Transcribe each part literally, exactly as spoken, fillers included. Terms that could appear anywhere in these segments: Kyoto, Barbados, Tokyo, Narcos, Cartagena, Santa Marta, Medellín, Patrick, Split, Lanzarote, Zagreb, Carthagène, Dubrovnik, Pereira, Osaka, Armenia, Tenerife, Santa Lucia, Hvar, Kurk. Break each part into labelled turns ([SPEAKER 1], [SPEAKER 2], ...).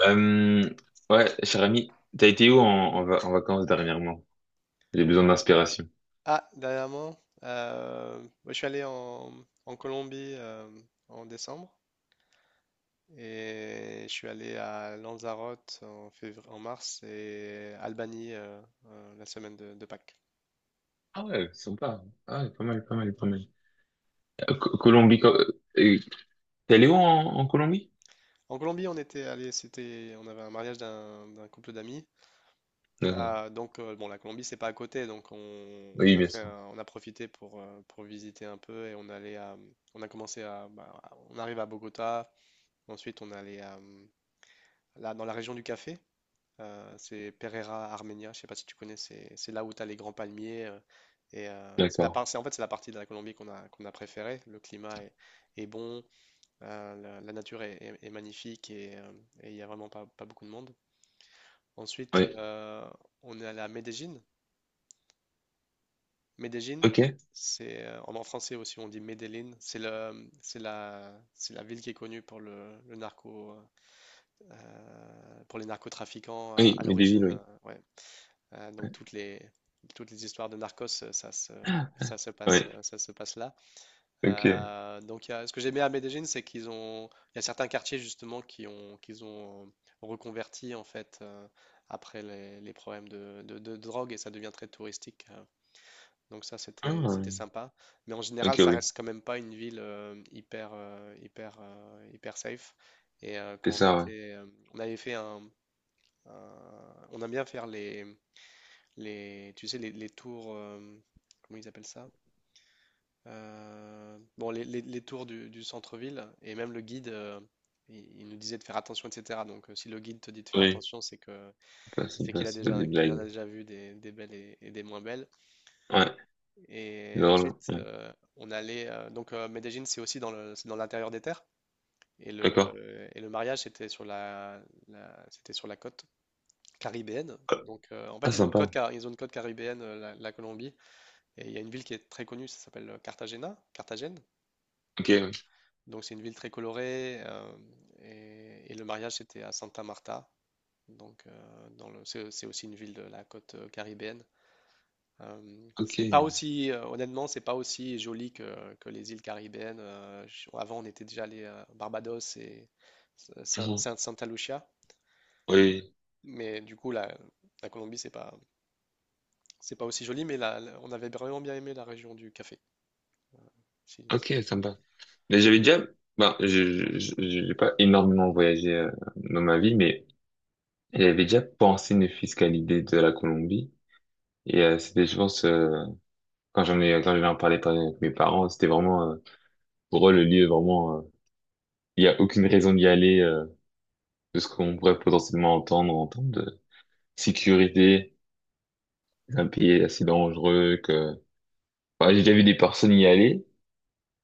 [SPEAKER 1] Euh, ouais, cher ami, t'as été où en, en, va- en vacances dernièrement? J'ai besoin d'inspiration.
[SPEAKER 2] Ah, dernièrement, euh, moi, je suis allé en, en Colombie euh, en décembre et je suis allé à Lanzarote en février, en mars et Albanie euh, euh, la semaine de, de Pâques.
[SPEAKER 1] Ah ouais, sympa. Ah ouais, pas mal, pas mal, pas mal. Euh, Co- Colombie, co- euh, T'es allé où en, en Colombie?
[SPEAKER 2] En Colombie, on était allé, c'était, on avait un mariage d'un d'un couple d'amis.
[SPEAKER 1] D'accord.
[SPEAKER 2] Ah, donc euh, bon, la Colombie c'est pas à côté, donc on, on
[SPEAKER 1] Oui,
[SPEAKER 2] a
[SPEAKER 1] bien
[SPEAKER 2] fait,
[SPEAKER 1] sûr.
[SPEAKER 2] un- on a profité pour euh, pour visiter un peu et on allait à- on a commencé à, bah, on arrive à Bogota, ensuite on allait à, là dans la région du café. Euh, c'est Pereira Armenia, je sais pas si tu connais, c'est c'est là où tu as les grands palmiers. euh, et euh, c'est la
[SPEAKER 1] D'accord.
[SPEAKER 2] par- c'est- en fait, c'est la partie de la Colombie qu'on a, qu'on a préférée. Le climat est, est bon, euh, la, la nature est, est- est magnifique et euh, et il n'y a vraiment pas, pas beaucoup de monde. Ensuite,
[SPEAKER 1] Oui.
[SPEAKER 2] euh, on est allé à Medellín. Medellín,
[SPEAKER 1] Ok.
[SPEAKER 2] c'est euh, en en français aussi, on dit Medellín. C'est le, c'est la, c'est la ville qui est connue pour le, le narco, euh, pour les narcotrafiquants à,
[SPEAKER 1] Oui,
[SPEAKER 2] à
[SPEAKER 1] mais des villes,
[SPEAKER 2] l'origine.
[SPEAKER 1] oui.
[SPEAKER 2] Euh, ouais. Euh, donc toutes les, toutes les histoires de Narcos, euh, ça se, ça se passe,
[SPEAKER 1] Oui.
[SPEAKER 2] euh, ça se passe là.
[SPEAKER 1] Ok.
[SPEAKER 2] Euh, donc, il y a- ce que j'aimais à Medellín, c'est qu'ils ont, il y a certains quartiers justement qui ont, qu'ils ont reconverti en fait euh, après les, les problèmes de, de- de drogue et ça devient très touristique. euh. donc ça, c'était,
[SPEAKER 1] Ah.
[SPEAKER 2] c'était sympa. Mais en général,
[SPEAKER 1] Ok,
[SPEAKER 2] ça
[SPEAKER 1] oui.
[SPEAKER 2] reste quand même pas une ville euh, hyper, euh, hyper, euh, hyper safe. Et euh,
[SPEAKER 1] C'est
[SPEAKER 2] quand on
[SPEAKER 1] ça, ouais.
[SPEAKER 2] était, euh, on avait fait un, un- on aime bien faire les les, tu sais, les, les tours, euh, comment ils appellent ça? Euh, bon, les, les- les tours du, du centre-ville, et même le guide, euh, il, il nous disait de faire attention, et cétéra. Donc, euh, si le guide te dit de faire
[SPEAKER 1] Oui.
[SPEAKER 2] attention, c'est que
[SPEAKER 1] C'est pas, c'est
[SPEAKER 2] c'est
[SPEAKER 1] pas,
[SPEAKER 2] qu'il a
[SPEAKER 1] c'est pas des
[SPEAKER 2] déjà, qu'il en
[SPEAKER 1] blagues.
[SPEAKER 2] a déjà vu des, des belles et, et des moins belles.
[SPEAKER 1] Ouais. C'est
[SPEAKER 2] Et
[SPEAKER 1] drôle.
[SPEAKER 2] ensuite,
[SPEAKER 1] Ouais.
[SPEAKER 2] euh, on allait, euh, donc euh, Medellín, c'est aussi dans le, c'est dans l'intérieur des terres. Et
[SPEAKER 1] D'accord.
[SPEAKER 2] le, et le mariage, c'était sur la, la- c'était sur la côte caribéenne. Donc, euh, en
[SPEAKER 1] Ah,
[SPEAKER 2] fait, ils ont une côte,
[SPEAKER 1] sympa.
[SPEAKER 2] car- ils ont une côte caribéenne, euh, la la Colombie. Et il y a une ville qui est très connue, ça s'appelle euh, Cartagena, Carthagène.
[SPEAKER 1] Ok, oui.
[SPEAKER 2] Donc c'est une ville très colorée euh, et, et le mariage c'était à Santa Marta. Donc euh, dans le, c'est c'est aussi une ville de la côte euh, caribéenne. Euh,
[SPEAKER 1] Ok.
[SPEAKER 2] c'est pas aussi, euh, Honnêtement, c'est pas aussi joli que, que les îles caribéennes. Euh, je- avant on était déjà allé à Barbados et Saint-
[SPEAKER 1] Mhm.
[SPEAKER 2] Saint- Santa Lucia,
[SPEAKER 1] Oui.
[SPEAKER 2] mais du coup la, la Colombie c'est pas c'est pas aussi joli, mais la- la- on avait vraiment bien aimé la région du café. Si- si.
[SPEAKER 1] Ok, sympa. Mais j'avais déjà, ben, je, je, je- j'ai pas énormément voyagé euh, dans ma vie, mais j'avais déjà pensé une fiscalité de la Colombie. Et euh, c'était, je pense, euh, quand j'en ai, quand j'en ai parlé par- avec mes parents, c'était vraiment, euh, pour eux, le lieu, vraiment, euh, il y a aucune raison d'y aller, euh, de ce qu'on pourrait potentiellement entendre en termes de sécurité. C'est un pays assez dangereux que, enfin, j'ai déjà vu des personnes y aller,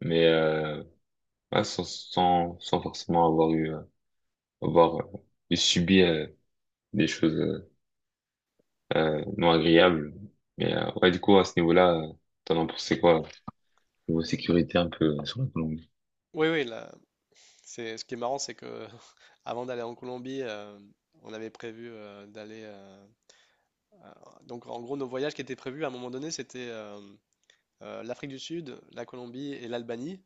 [SPEAKER 1] mais euh, ouais, sans, sans, sans forcément avoir eu, euh, avoir euh, subi euh, des choses euh, euh, non agréables. Mais euh, ouais, du coup, à ce niveau-là, euh, t'en as pensé quoi? Niveau sécurité un peu euh, sur la Colombie.
[SPEAKER 2] Oui, oui. La, C'est, ce qui est marrant, c'est que avant d'aller en Colombie, euh, on avait prévu euh, d'aller. Euh, à- donc, en gros, nos voyages qui étaient prévus à un moment donné, c'était euh, euh, l'Afrique du Sud, la Colombie et l'Albanie.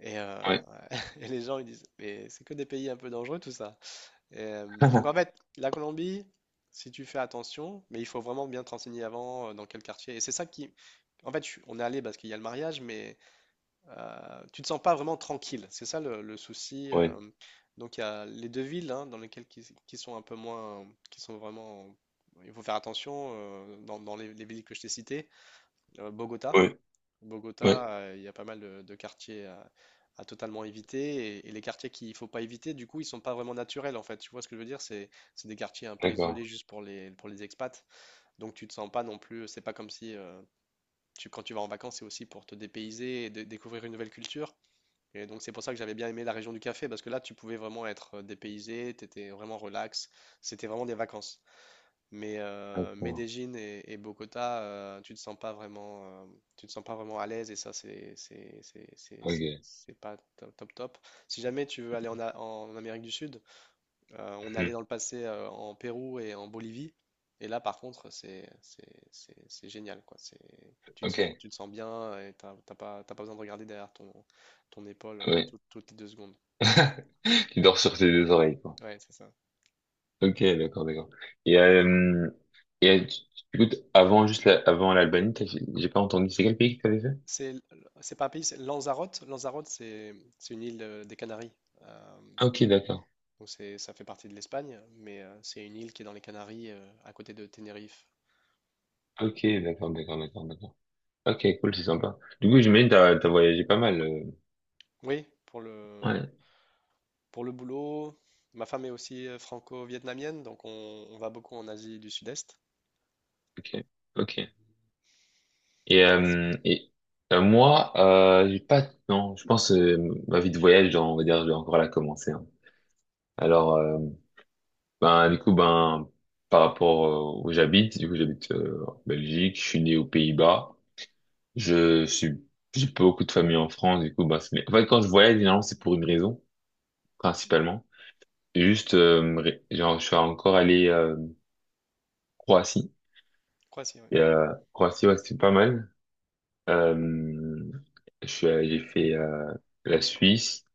[SPEAKER 2] Et, euh,
[SPEAKER 1] Ouais.
[SPEAKER 2] et les gens, ils disent, mais c'est que des pays un peu dangereux, tout ça. Et, euh, donc, en fait, la Colombie, si tu fais attention, mais il faut vraiment bien te renseigner avant, euh, dans quel quartier. Et c'est ça qui. En fait, je suis- on est allé parce qu'il y a le mariage, mais euh, tu ne te sens pas vraiment tranquille, c'est ça le, le souci.
[SPEAKER 1] Ouais.
[SPEAKER 2] euh. donc il y a les deux villes hein, dans lesquelles qui, qui sont un peu moins, qui sont vraiment, il faut faire attention euh, dans, dans les, les villes que je t'ai citées. Euh, Bogota,
[SPEAKER 1] Ouais.
[SPEAKER 2] Bogota,
[SPEAKER 1] Ouais.
[SPEAKER 2] euh, il y a pas mal de, de quartiers à, à totalement éviter et, et les quartiers qu'il faut pas éviter, du coup ils sont pas vraiment naturels en fait. Tu vois ce que je veux dire? C'est c'est des quartiers un peu isolés
[SPEAKER 1] D'accord.
[SPEAKER 2] juste pour les pour les expats. Donc tu te sens pas non plus, c'est pas comme si euh, tu, quand tu vas en vacances, c'est aussi pour te dépayser et dé- découvrir une nouvelle culture. Et donc c'est pour ça que j'avais bien aimé la région du café, parce que là tu pouvais vraiment être euh, dépaysé, t'étais vraiment relax, c'était vraiment des vacances. Mais euh,
[SPEAKER 1] D'accord.
[SPEAKER 2] Medellín et, et Bogota, euh, tu te sens pas vraiment, euh, tu te sens pas vraiment à l'aise et ça c'est c'est c'est c'est c'est-
[SPEAKER 1] Ok.
[SPEAKER 2] c'est pas top top top. Si jamais tu veux aller en, A- en Amérique du Sud, euh, on allait
[SPEAKER 1] Mhm.
[SPEAKER 2] dans le passé euh, en Pérou et en Bolivie. Et là, par contre, c'est c'est- c'est- c'est génial, quoi. C'est, tu te
[SPEAKER 1] Ok.
[SPEAKER 2] sens, tu te sens bien et t'as t'as pas, t'as pas besoin de regarder derrière ton, ton épaule euh,
[SPEAKER 1] Ouais.
[SPEAKER 2] tout- toutes les deux secondes.
[SPEAKER 1] Tu dors sur tes deux oreilles, quoi.
[SPEAKER 2] Ouais, c'est ça.
[SPEAKER 1] Ok, d'accord, d'accord. Et, euh, et euh, tu- tu- Écoute, avant juste la- avant l'Albanie, t'as- j'ai pas entendu. C'est quel pays que t'avais fait?
[SPEAKER 2] C'est l- c'est pas un pays, c'est Lanzarote. Lanzarote, c'est c'est une île euh, des Canaries. Euh,
[SPEAKER 1] Ok, d'accord.
[SPEAKER 2] donc c'est, ça fait partie de l'Espagne, mais euh, c'est une île qui est dans les Canaries, euh, à côté de Tenerife.
[SPEAKER 1] Ok, d'accord, d'accord, d'accord, d'accord. Ok, cool, c'est sympa. Du coup, j'imagine que t'as t'as voyagé pas mal. euh.
[SPEAKER 2] Oui, pour le,
[SPEAKER 1] Ouais.
[SPEAKER 2] pour le boulot, ma femme est aussi euh, franco-vietnamienne, donc on, on va beaucoup en Asie du Sud-Est.
[SPEAKER 1] Ok, ok.
[SPEAKER 2] Euh,
[SPEAKER 1] Et,
[SPEAKER 2] Et toi?
[SPEAKER 1] euh, et euh, Moi, euh, j'ai pas. Non, je pense euh, ma vie de voyage, genre, on va dire, je vais encore la commencer, hein. Alors, euh, ben du coup, ben par rapport euh, où j'habite, du coup, j'habite euh, en Belgique. Je suis né aux Pays-Bas. Je suis, j'ai pas beaucoup de famille en France. Du coup, ben c'est- mais en fait, quand je voyage, généralement, c'est pour une raison principalement. C'est juste, euh, me ré- genre, je suis encore allé euh, Croatie.
[SPEAKER 2] Croatie, oui.
[SPEAKER 1] Et, euh, Croatie, ouais, c'était pas mal. Euh, je suis, allé- j'ai fait euh, la Suisse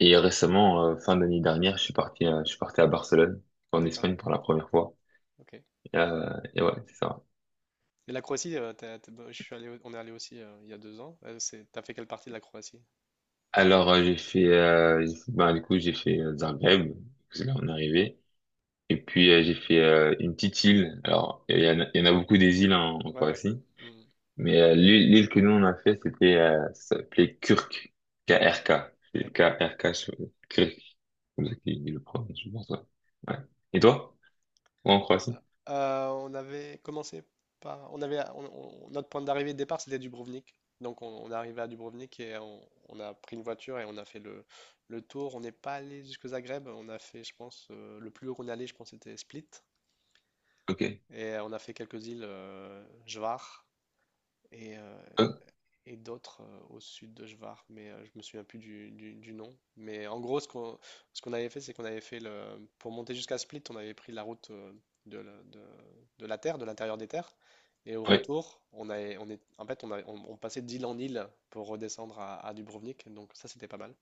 [SPEAKER 1] et récemment, euh, fin d'année dernière, je suis parti, euh, je suis parti à Barcelone, en
[SPEAKER 2] D'accord.
[SPEAKER 1] Espagne pour la première fois.
[SPEAKER 2] Ok. Et
[SPEAKER 1] Euh, et ouais, c'est ça.
[SPEAKER 2] la Croatie, euh, t'as- t'as- bah, je suis allé, au- on est allé aussi euh, il y a deux ans. Euh, c'est, t'as fait quelle partie de la Croatie?
[SPEAKER 1] Alors euh, j'ai fait, euh, j'ai fait- bah, du coup j'ai fait euh, Zagreb, parce que là on est arrivé. Et puis euh, j'ai fait euh, une petite île. Alors il y en a, il y en a beaucoup des îles en en
[SPEAKER 2] Ouais, ouais.
[SPEAKER 1] Croatie.
[SPEAKER 2] Hmm,
[SPEAKER 1] Mais euh, l'île l'île que nous on a fait, c'était euh, ça s'appelait Kurk, K R K. C'est
[SPEAKER 2] d'accord.
[SPEAKER 1] K R K sur Kurk, comme ça qu'il dit le prononce, je pense. Ouais. Ouais. Et toi? Ouais, en Croatie?
[SPEAKER 2] Euh, on avait commencé par, on avait, on- on- notre point d'arrivée de départ, c'était Dubrovnik. Donc on, on est arrivé à Dubrovnik et on, on a pris une voiture et on a fait le, le tour. On n'est pas allé jusque Zagreb. On a fait, je pense, euh, le plus haut qu'on est allé, je pense, c'était Split.
[SPEAKER 1] Ok.
[SPEAKER 2] Et euh, on a fait quelques îles, euh, Hvar et, euh,
[SPEAKER 1] Euh,
[SPEAKER 2] et d'autres euh, au sud de Hvar, mais euh, je me souviens plus du, du- du nom. Mais en gros, ce qu'on ce qu'on avait fait, c'est qu'on avait fait le, pour monter jusqu'à Split, on avait pris la route euh, de, la de- de la terre, de l'intérieur des terres. Et au
[SPEAKER 1] oui,
[SPEAKER 2] retour, on avait, on est, en fait, on, a- on- on passait d'île en île pour redescendre à, à Dubrovnik, donc ça c'était pas mal.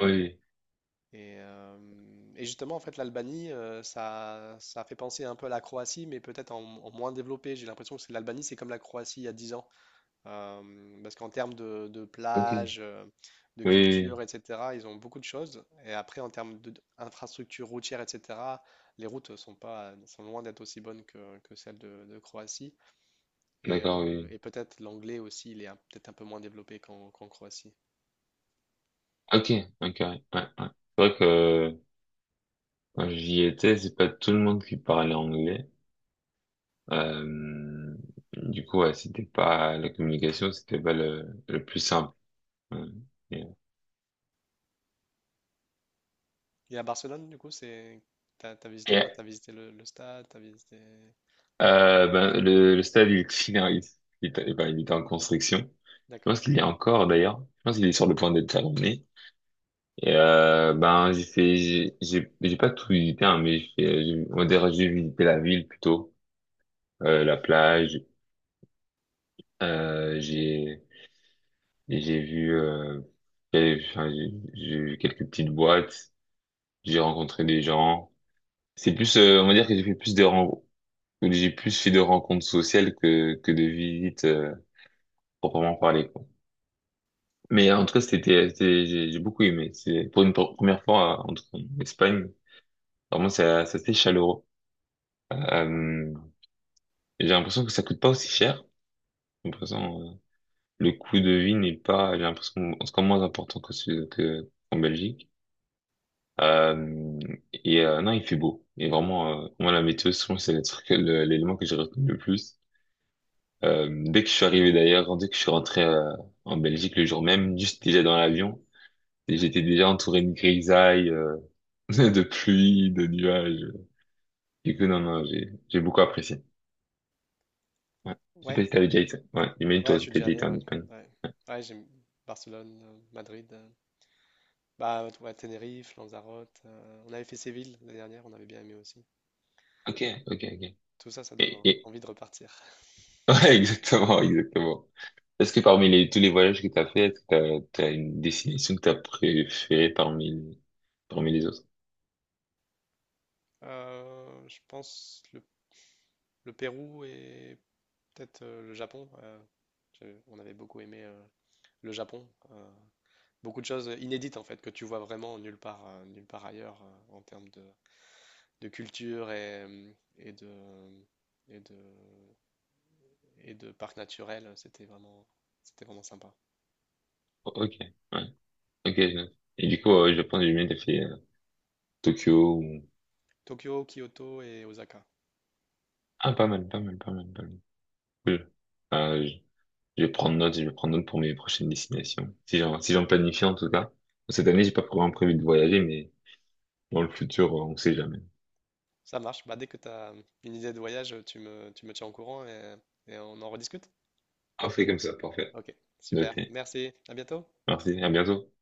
[SPEAKER 1] oui,
[SPEAKER 2] Et, euh, et justement, en fait, l'Albanie, euh, ça, ça fait penser un peu à la Croatie, mais peut-être en, en moins développé. J'ai l'impression que c'est- l'Albanie, c'est comme la Croatie il y a dix ans. Euh, parce qu'en termes de, de
[SPEAKER 1] oui, oui. Ok, oui,
[SPEAKER 2] plage, euh, de
[SPEAKER 1] oui, oui.
[SPEAKER 2] culture, et cétéra, ils ont beaucoup de choses. Et après, en termes de- d'infrastructures routières, et cétéra, les routes sont pas, sont loin d'être aussi bonnes que, que celles de, de Croatie. Et,
[SPEAKER 1] D'accord, oui,
[SPEAKER 2] euh,
[SPEAKER 1] oui.
[SPEAKER 2] et peut-être l'anglais aussi, il est un- peut-être un peu moins développé qu'en qu'en Croatie.
[SPEAKER 1] Ok, ok, ouais, ouais, ouais. C'est vrai que euh, quand j'y étais, c'est pas tout le monde qui parlait anglais. Euh, du coup, ouais, c'était pas la communication, c'était pas le, le plus simple. Ouais.
[SPEAKER 2] Et à Barcelone, du coup. C'est. T'as, t'as visité quoi?
[SPEAKER 1] Et,
[SPEAKER 2] T'as visité le, le stade, t'as visité.
[SPEAKER 1] Euh, ben, le, le stade, il finalise. Il, est- ben, il est en construction. Je
[SPEAKER 2] D'accord.
[SPEAKER 1] pense qu'il y est encore, d'ailleurs. Je pense qu'il est sur le point d'être terminé. Et, euh, ben, j'ai fait, j'ai, j'ai j'ai pas tout visité, hein, mais j'ai, fait- j'ai- on va dire, j'ai visité la ville plutôt, euh, la plage, euh, j'ai, et j'ai vu, euh, j'ai enfin, j'ai- j'ai vu quelques petites boîtes, j'ai rencontré des gens. C'est plus, euh, on va dire que j'ai fait plus de rencontres, j'ai plus fait de rencontres sociales que, que de visites, euh, proprement parlées. Mais en tout cas, c'était, c'était- j'ai j'ai beaucoup aimé. C'est pour une pr- première fois euh, en, en Espagne. Vraiment, c'est c'est assez chaleureux. Euh, j'ai l'impression que ça coûte pas aussi cher. J'ai l'impression, euh, le coût de vie n'est pas, j'ai l'impression, en tout cas moins important que ce, que, en Belgique. Euh, et euh, non, il fait beau. Et vraiment, euh, moi, la météo, souvent, c'est le truc, le- l'élément que j'ai retenu le plus. Euh, dès que je suis arrivé d'ailleurs, dès que je suis rentré euh, en Belgique le jour même, juste déjà dans l'avion, j'étais déjà entouré de grisailles. euh, de pluie, de nuages. Du coup, non, non, j'ai, j'ai beaucoup apprécié. Ouais. Je sais
[SPEAKER 2] Ouais,
[SPEAKER 1] pas si t'avais déjà été, ouais, j'imagine
[SPEAKER 2] ouais,
[SPEAKER 1] toi
[SPEAKER 2] je
[SPEAKER 1] aussi
[SPEAKER 2] suis
[SPEAKER 1] t'as
[SPEAKER 2] déjà
[SPEAKER 1] déjà
[SPEAKER 2] allé,
[SPEAKER 1] été en
[SPEAKER 2] ouais.
[SPEAKER 1] Espagne.
[SPEAKER 2] Ouais, ouais, j'aime Barcelone, euh, Madrid. euh, Bah, ouais, Tenerife, Lanzarote. euh, On avait fait Séville l'année dernière, on avait bien aimé aussi.
[SPEAKER 1] Ok, ok, ok.
[SPEAKER 2] Tout ça, ça donne
[SPEAKER 1] Et,
[SPEAKER 2] en-
[SPEAKER 1] et...
[SPEAKER 2] envie de repartir.
[SPEAKER 1] Ouais, exactement, exactement. Est-ce que parmi les, tous les voyages que t'as fait, est-ce que t'as, t'as une destination que t'as préférée parmi, parmi les autres?
[SPEAKER 2] Euh, je pense le, le Pérou et peut-être euh, le Japon. Euh, je- on avait beaucoup aimé euh, le Japon. euh, Beaucoup de choses inédites en fait que tu vois vraiment nulle part, euh, nulle part ailleurs euh, en termes de, de culture et, euh, et de, et de, et de parcs naturels. C'était vraiment, c'était vraiment sympa.
[SPEAKER 1] Ok, ouais, ok. Je- note. Et du coup, euh, je pense que j'ai bien fait euh, Tokyo ou...
[SPEAKER 2] Tokyo, Kyoto et Osaka.
[SPEAKER 1] Ah, pas mal, pas mal, pas mal, pas mal. Cool. Euh, Je vais prendre note, je vais prendre note pour mes prochaines destinations. Si j'en, si j'en planifie en tout cas. Cette année, j'ai pas vraiment prévu de voyager, mais dans le futur, on sait jamais.
[SPEAKER 2] Ça marche. Bah, dès que tu as une idée de voyage, tu me, tu me tiens au courant et, et on en rediscute.
[SPEAKER 1] Ah, on fait comme ça, parfait.
[SPEAKER 2] Ok, super.
[SPEAKER 1] Noté.
[SPEAKER 2] Merci. À bientôt.
[SPEAKER 1] Merci, à bientôt.